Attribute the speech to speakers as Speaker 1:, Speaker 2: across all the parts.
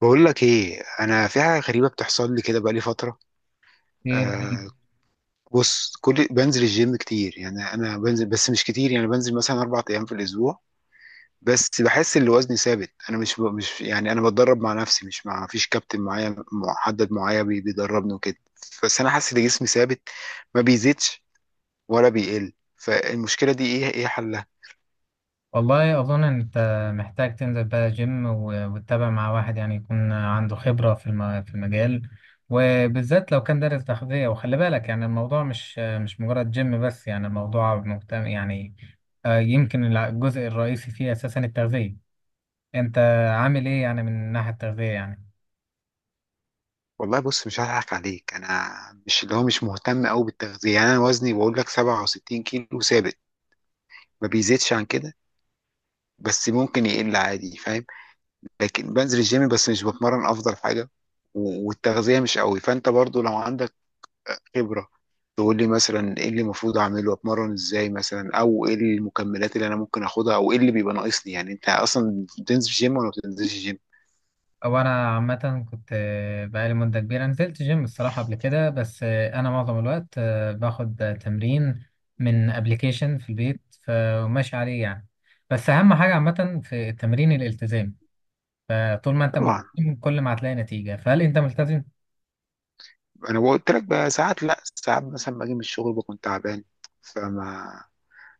Speaker 1: بقول لك ايه، انا في حاجه غريبه بتحصل لي كده بقالي فتره.
Speaker 2: ايه رهيب.
Speaker 1: آه. بص، كل بنزل الجيم كتير، يعني انا بنزل بس مش كتير، يعني بنزل مثلا 4 ايام في الاسبوع. بس بحس ان وزني ثابت، انا مش مش، يعني انا بتدرب مع نفسي مش مع، فيش كابتن معايا محدد معايا بيدربني وكده. بس انا حاسس ان جسمي ثابت، ما بيزيدش ولا بيقل. فالمشكله دي ايه؟ ايه حلها؟
Speaker 2: والله اظن انت محتاج تنزل بقى جيم و- وتتابع مع واحد، يعني يكون عنده خبرة في في المجال، وبالذات لو كان دارس تغذية. وخلي بالك يعني الموضوع مش مجرد جيم بس، يعني الموضوع مهتم يعني. يمكن الجزء الرئيسي فيه اساسا التغذية. انت عامل ايه يعني من الناحية التغذية يعني؟
Speaker 1: والله بص، مش هضحك عليك انا. مش اللي هو مش مهتم قوي بالتغذيه، يعني انا وزني بقول لك 67 كيلو ثابت، ما بيزيدش عن كده، بس ممكن يقل عادي، فاهم. لكن بنزل الجيم بس مش بتمرن افضل حاجه، والتغذيه مش قوي، فانت برضو لو عندك خبره تقول لي مثلا ايه اللي المفروض اعمله، اتمرن ازاي مثلا، او ايه المكملات اللي انا ممكن اخدها، او ايه اللي بيبقى ناقصني. يعني انت اصلا بتنزل جيم ولا ما بتنزلش جيم؟
Speaker 2: او انا عامه كنت بقالي مده كبيره نزلت جيم الصراحه قبل كده، بس انا معظم الوقت باخد تمرين من ابلكيشن في البيت، فماشي عليه يعني. بس اهم حاجه عامه في التمرين الالتزام، فطول ما انت
Speaker 1: طبعا.
Speaker 2: ملتزم كل ما هتلاقي نتيجه. فهل انت ملتزم؟
Speaker 1: انا قلت لك بقى ساعات، لا ساعات مثلا باجي من الشغل بكون تعبان، فما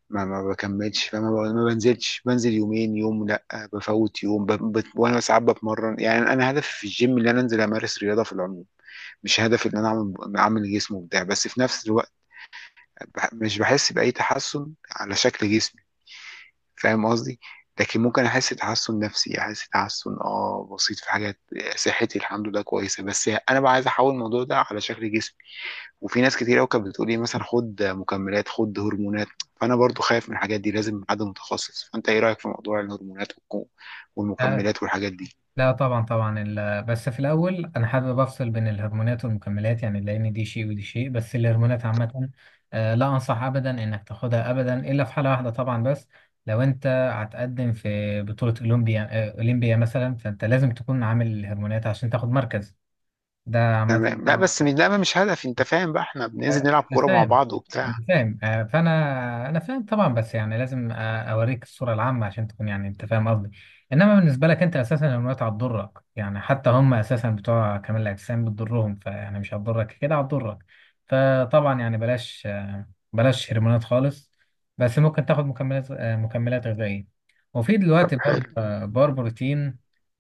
Speaker 1: ما ما بكملش، فما ما بنزلش، بنزل يومين، يوم لا بفوت يوم، وانا ساعات بتمرن. يعني انا هدفي في الجيم ان انا انزل امارس رياضه في العموم، مش هدفي ان انا اعمل جسم وبتاع. بس في نفس الوقت مش بحس باي تحسن على شكل جسمي، فاهم قصدي؟ لكن ممكن احس تحسن نفسي، احس تحسن اه بسيط في حاجات. صحتي الحمد لله كويسه، بس انا بقى عايز احول الموضوع ده على شكل جسمي. وفي ناس كتير قوي كانت بتقول لي مثلا خد مكملات، خد هرمونات. فانا برضو خايف من الحاجات دي، لازم حد متخصص. فانت ايه رايك في موضوع الهرمونات والمكملات والحاجات دي؟
Speaker 2: لا طبعا طبعا بس في الاول انا حابب افصل بين الهرمونات والمكملات، يعني لان دي شيء ودي شيء. بس الهرمونات عامه لا انصح ابدا انك تاخدها ابدا، الا في حاله واحده طبعا، بس لو انت هتقدم في بطوله اولمبيا، اولمبيا مثلا، فانت لازم تكون عامل الهرمونات عشان تاخد مركز. ده عامه.
Speaker 1: تمام. لا بس ده مش هدف، انت فاهم بقى، احنا بننزل نلعب
Speaker 2: انا
Speaker 1: كوره مع
Speaker 2: فاهم،
Speaker 1: بعض
Speaker 2: انا
Speaker 1: وبتاع.
Speaker 2: فاهم، فانا فاهم طبعا، بس يعني لازم اوريك الصوره العامه عشان تكون يعني انت فاهم قصدي. انما بالنسبه لك انت اساسا الهرمونات هتضرك، يعني حتى هم اساسا بتوع كمال الاجسام بتضرهم، فيعني مش هتضرك كده هتضرك. فطبعا يعني بلاش، بلاش هرمونات خالص. بس ممكن تاخد مكملات، مكملات غذائيه. وفي
Speaker 1: طب
Speaker 2: دلوقتي بار
Speaker 1: حلو.
Speaker 2: آه، بار بروتين،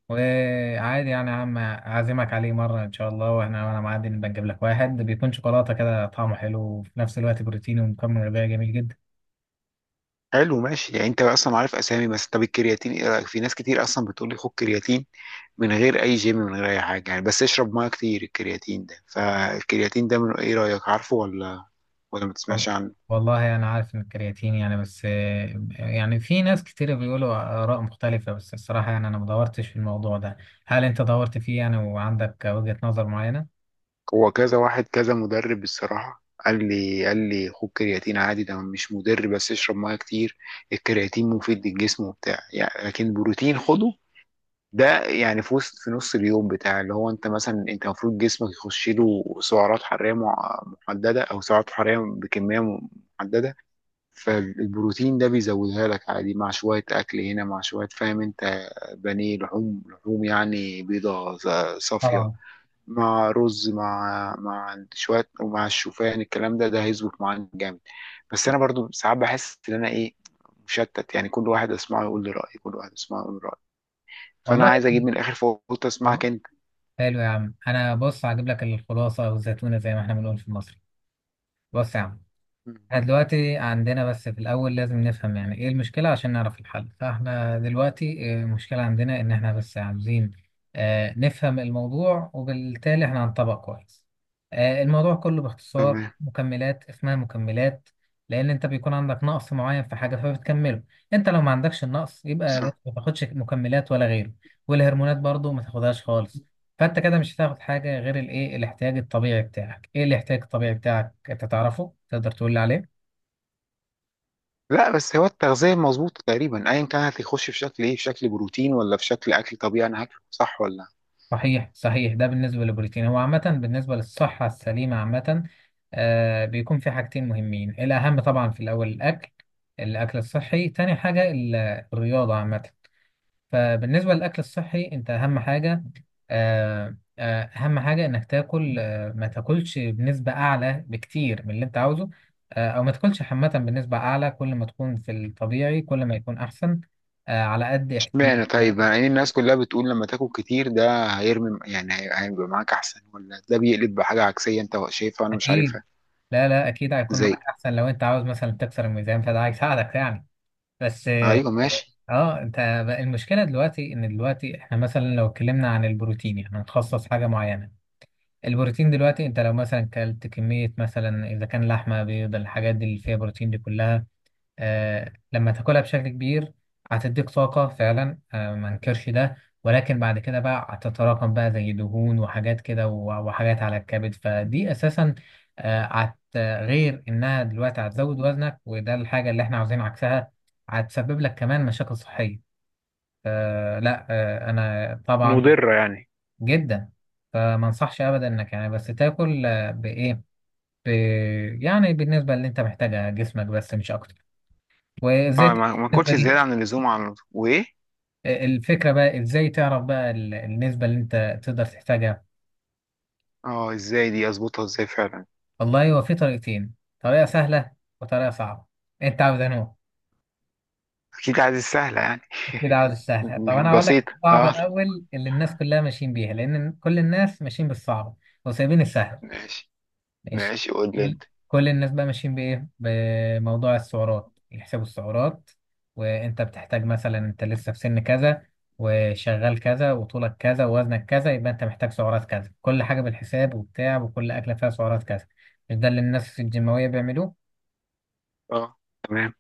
Speaker 2: وعادي يعني يا عم أعزمك عليه مرة إن شاء الله، وإحنا وأنا معدي نبقى نجيب لك واحد بيكون شوكولاتة كده طعمه حلو، وفي نفس الوقت بروتيني ومكمل غذائي جميل جدا.
Speaker 1: حلو ماشي، يعني انت اصلا عارف اسامي. بس طب الكرياتين ايه رايك؟ في ناس كتير اصلا بتقول لي خد كرياتين من غير اي جيم، من غير اي حاجه، يعني بس اشرب ميه كتير الكرياتين ده. فالكرياتين ده من ايه رايك، عارفه ولا ولا ما
Speaker 2: وال-
Speaker 1: تسمعش عنه؟
Speaker 2: والله أنا يعني عارف إن الكرياتين يعني، بس يعني في ناس كتير بيقولوا آراء مختلفة، بس الصراحة يعني أنا ما دورتش في الموضوع ده. هل أنت دورت فيه يعني وعندك وجهة نظر معينة؟
Speaker 1: هو كذا واحد كذا مدرب الصراحة قال لي خد كرياتين عادي، ده مش مضر بس اشرب ميه كتير. الكرياتين مفيد للجسم وبتاع يعني. لكن بروتين خده، ده يعني في وسط، في نص اليوم بتاع، اللي هو انت مثلا انت المفروض جسمك يخش له سعرات حرارية محددة، او سعرات حرارية بكمية محددة. فالبروتين ده بيزودها لك عادي مع شوية أكل هنا مع شوية، فاهم أنت. بانيه، لحوم لحوم، يعني بيضة صافية،
Speaker 2: طبعا.
Speaker 1: مع رز، مع شويه، ومع الشوفان، الكلام ده هيظبط معانا جامد. بس انا برضو ساعات بحس ان انا ايه، مشتت، يعني كل واحد اسمعه يقول لي رايه، كل واحد اسمعه يقول لي رايه. فانا
Speaker 2: والله.
Speaker 1: عايز اجيب من الاخر، فقلت اسمعك اه انت.
Speaker 2: حلو يا عم، أنا بص هجيب لك الخلاصة أو الزيتونة زي ما إحنا بنقول في المصري. بص يا عم،
Speaker 1: مم.
Speaker 2: احنا دلوقتي عندنا، بس في الأول لازم نفهم يعني إيه المشكلة عشان نعرف الحل. فاحنا دلوقتي المشكلة عندنا إن احنا بس عاوزين نفهم الموضوع، وبالتالي احنا هنطبق كويس. الموضوع كله باختصار
Speaker 1: تمام.
Speaker 2: مكملات، اسمها مكملات لأن أنت بيكون عندك نقص معين في حاجة فبتكمله. أنت لو ما عندكش النقص يبقى بس
Speaker 1: صح.
Speaker 2: ما تاخدش مكملات ولا غيره. والهرمونات برضو ما تاخدهاش خالص. فأنت كده مش هتاخد حاجة غير الإيه، الاحتياج الطبيعي بتاعك. إيه الاحتياج الطبيعي بتاعك؟ أنت تعرفه؟ تقدر تقول لي عليه؟
Speaker 1: لا بس هو التغذيه مظبوطه تقريبا ايا كان، هتخش في شكل ايه، في شكل بروتين ولا في شكل اكل طبيعي، انا هاكله صح ولا؟
Speaker 2: صحيح صحيح. ده بالنسبة للبروتين، هو عامة بالنسبة للصحة السليمة عامة آه بيكون في حاجتين مهمين. الأهم طبعا في الأول الأكل، الأكل الصحي. تاني حاجة الرياضة عامة. فبالنسبة للأكل الصحي، أنت أهم حاجة، آه آه أهم حاجة إنك تاكل، آه ما تاكلش بنسبة أعلى بكتير من اللي أنت عاوزه، آه، أو ما تاكلش عامة بنسبة أعلى. كل ما تكون في الطبيعي كل ما يكون أحسن، آه على قد احتياجك.
Speaker 1: اشمعنى طيب، يعني الناس كلها بتقول لما تاكل كتير ده هيرمي، يعني هيبقى معاك احسن، ولا ده بيقلب بحاجه عكسيه انت شايفها وانا مش
Speaker 2: أكيد.
Speaker 1: عارفها؟
Speaker 2: لا لا اكيد هيكون معاك
Speaker 1: زي.
Speaker 2: احسن، لو انت عاوز مثلا تكسر الميزان فده هيساعدك يعني. بس اه.
Speaker 1: ايوه ماشي.
Speaker 2: انت بقى المشكله دلوقتي ان دلوقتي احنا مثلا لو اتكلمنا عن البروتين، يعني هنخصص حاجه معينه. البروتين دلوقتي انت لو مثلا كلت كميه مثلا، اذا كان لحمه بيض الحاجات دي اللي فيها بروتين دي كلها، لما تاكلها بشكل كبير هتديك طاقة فعلا، ما انكرش ده. ولكن بعد كده بقى هتتراكم بقى زي دهون وحاجات كده، و- وحاجات على الكبد. فدي أساسا آه، هت غير إنها دلوقتي هتزود وزنك، وده الحاجة اللي احنا عاوزين عكسها. هتسبب لك كمان مشاكل صحية، لا أنا طبعا
Speaker 1: مضرة يعني؟
Speaker 2: جدا. فما انصحش أبدا إنك يعني، بس تاكل بإيه، يعني بالنسبة اللي أنت محتاجها جسمك، بس مش أكتر.
Speaker 1: اه،
Speaker 2: وزيت
Speaker 1: ما
Speaker 2: بالنسبة
Speaker 1: اكلش
Speaker 2: لي.
Speaker 1: زيادة عن اللزوم، عن وايه.
Speaker 2: الفكرة بقى ازاي تعرف بقى النسبة اللي انت تقدر تحتاجها.
Speaker 1: اه ازاي، دي اظبطها ازاي فعلا؟
Speaker 2: والله هو في طريقتين، طريقة سهلة وطريقة صعبة. انت عاوز انه؟
Speaker 1: اكيد عايز السهلة يعني.
Speaker 2: اكيد عاوز السهلة. طب انا هقول لك
Speaker 1: بسيطة
Speaker 2: الصعبة
Speaker 1: اه.
Speaker 2: الاول اللي الناس كلها ماشيين بيها، لان كل الناس ماشيين بالصعبة وسايبين السهلة.
Speaker 1: ماشي.
Speaker 2: ماشي.
Speaker 1: ماشي قول لي
Speaker 2: كل
Speaker 1: انت.
Speaker 2: كل الناس بقى ماشيين بإيه، بموضوع السعرات. يحسبوا السعرات، وأنت بتحتاج مثلا، أنت لسه في سن كذا وشغال كذا وطولك كذا ووزنك كذا، يبقى أنت محتاج سعرات كذا، كل حاجة بالحساب وبتاع، وكل أكلة فيها سعرات كذا. مش ده اللي الناس الجيماوية بيعملوه؟
Speaker 1: اه. تمام.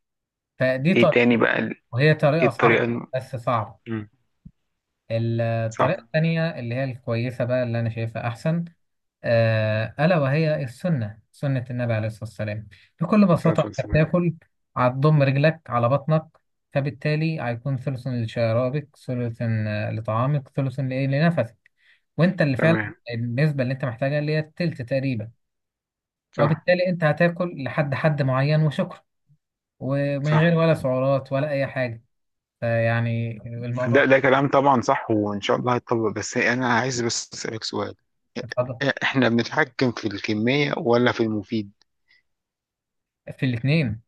Speaker 2: فدي
Speaker 1: ايه
Speaker 2: طريقة،
Speaker 1: تاني بقى
Speaker 2: وهي
Speaker 1: ايه
Speaker 2: طريقة
Speaker 1: الطريقة
Speaker 2: صح بس صعبة.
Speaker 1: مم. صح
Speaker 2: الطريقة التانية اللي هي الكويسة بقى، اللي أنا شايفها أحسن، ألا وهي السنة، سنة النبي عليه الصلاة والسلام. بكل
Speaker 1: صح
Speaker 2: بساطة
Speaker 1: صح
Speaker 2: أنت
Speaker 1: صح.
Speaker 2: بتاكل، هتضم رجلك على بطنك، فبالتالي هيكون ثلث لشرابك، ثلث لطعامك، ثلث لإيه لنفسك، وأنت اللي فعلا
Speaker 1: تمام.
Speaker 2: النسبة اللي أنت محتاجها اللي هي التلت تقريبا.
Speaker 1: صح
Speaker 2: وبالتالي أنت هتاكل لحد حد معين وشكرا، ومن غير
Speaker 1: صح
Speaker 2: ولا سعرات ولا أي حاجة. فيعني
Speaker 1: ده
Speaker 2: الموضوع.
Speaker 1: ده كلام طبعا صح، وان شاء الله هيتطبق. بس انا عايز بس اسألك سؤال،
Speaker 2: اتفضل.
Speaker 1: احنا بنتحكم في الكمية ولا في المفيد؟
Speaker 2: في الاتنين.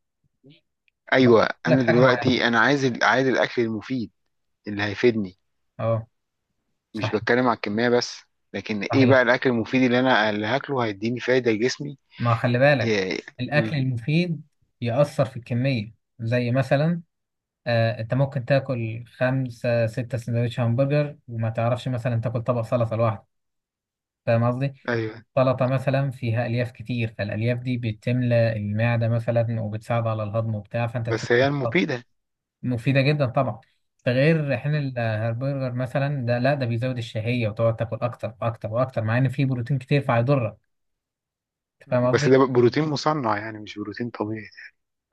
Speaker 2: وبعدين
Speaker 1: ايوه،
Speaker 2: أقول لك
Speaker 1: انا
Speaker 2: حاجة معينة.
Speaker 1: دلوقتي انا عايز عايز الاكل المفيد اللي هيفيدني،
Speaker 2: أه
Speaker 1: مش
Speaker 2: صحيح
Speaker 1: بتكلم على الكمية بس. لكن ايه
Speaker 2: صحيح.
Speaker 1: بقى الاكل المفيد اللي هاكله هيديني فايدة لجسمي؟
Speaker 2: ما خلي بالك،
Speaker 1: إيه.
Speaker 2: الأكل
Speaker 1: مم.
Speaker 2: المفيد يأثر في الكمية. زي مثلا، أنت ممكن تاكل خمسة ستة سندوتش همبرجر، وما تعرفش مثلا تاكل طبق سلطة لوحده. فاهم قصدي؟
Speaker 1: ايوه.
Speaker 2: سلطة مثلا فيها ألياف كتير، فالألياف دي بتملى المعدة مثلا وبتساعد على الهضم وبتاع، فأنت تحس
Speaker 1: بس هي
Speaker 2: إنها
Speaker 1: المفيدة.
Speaker 2: مفيدة جدا طبعا. ده غير حين الهربرجر مثلا، ده لا ده بيزود الشهية وتقعد تاكل أكتر وأكتر وأكتر، مع إن فيه بروتين كتير فهيضرك. أنت فاهم
Speaker 1: مم. بس
Speaker 2: قصدي؟
Speaker 1: ده بقى بروتين مصنع، يعني مش بروتين طبيعي.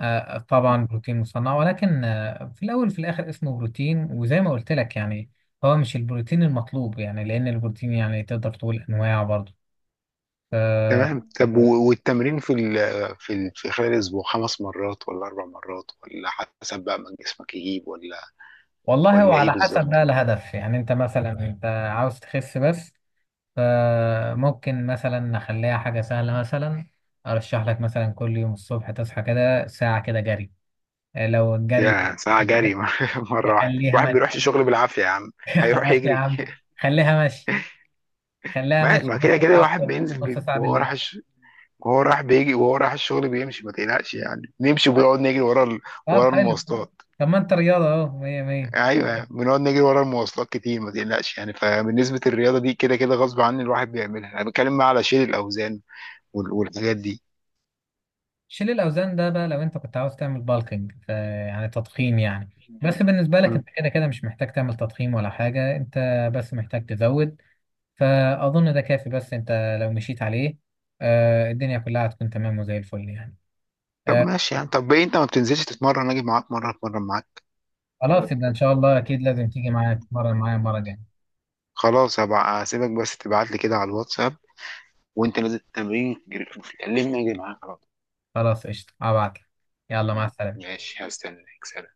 Speaker 2: طبعا بروتين مصنع، ولكن في الاول وفي الاخر اسمه بروتين، وزي ما قلت لك يعني هو مش البروتين المطلوب، يعني لان البروتين يعني تقدر تقول انواع برضه. ف-.
Speaker 1: تمام. طب والتمرين في خلال الاسبوع، 5 مرات ولا 4 مرات، ولا حسب بقى ما جسمك يجيب، ولا
Speaker 2: والله هو
Speaker 1: ولا ايه
Speaker 2: على حسب
Speaker 1: بالظبط؟
Speaker 2: بقى الهدف، يعني انت مثلا انت عاوز تخس بس فممكن مثلا نخليها حاجه سهله مثلا. ارشح لك مثلا كل يوم الصبح تصحى كده ساعه كده جري، لو الجري.
Speaker 1: يا ساعة جري مرة واحدة؟
Speaker 2: خليها
Speaker 1: الواحد
Speaker 2: ماشي.
Speaker 1: بيروحش الشغل بالعافية يا عم. هيروح
Speaker 2: خلاص يا
Speaker 1: يجري
Speaker 2: عم. خليها ماشي. خليها
Speaker 1: ما
Speaker 2: ماشي
Speaker 1: ما
Speaker 2: نص
Speaker 1: كده كده
Speaker 2: ساعه
Speaker 1: الواحد
Speaker 2: الصبح
Speaker 1: بينزل
Speaker 2: نص ساعه
Speaker 1: وهو
Speaker 2: بالليل
Speaker 1: رايح، وهو راح بيجي، وهو راح الشغل بيمشي ما تقلقش يعني، نمشي وبنقعد نجري ورا
Speaker 2: طب
Speaker 1: ورا
Speaker 2: حلو.
Speaker 1: المواصلات.
Speaker 2: طب ما انت رياضة اهو مية مية.
Speaker 1: ايوه بنقعد نجري ورا المواصلات كتير، ما تقلقش يعني. فبالنسبه للرياضه دي كده كده غصب عني الواحد بيعملها، انا بتكلم بقى على شيل الاوزان والحاجات دي.
Speaker 2: شيل الأوزان ده بقى لو انت كنت عاوز تعمل بالكينج يعني تضخيم يعني، بس بالنسبة لك
Speaker 1: مم.
Speaker 2: انت كده كده مش محتاج تعمل تضخيم ولا حاجة، انت بس محتاج تزود. فأظن ده كافي، بس انت لو مشيت عليه آه الدنيا كلها هتكون تمام وزي الفل يعني.
Speaker 1: طب
Speaker 2: آه.
Speaker 1: ماشي يعني، طب ايه انت ما بتنزلش تتمرن؟ اجي معاك مره اتمرن معاك.
Speaker 2: خلاص يبقى ان شاء الله اكيد لازم تيجي معايا تتمرن معايا المرة الجاية.
Speaker 1: خلاص هبقى هسيبك، بس تبعت لي كده على الواتساب وانت نازل التمرين كلمني اجي معاك على طول.
Speaker 2: خلاص قشطة هبعتلك. يلا مع السلامة.
Speaker 1: ماشي هستناك.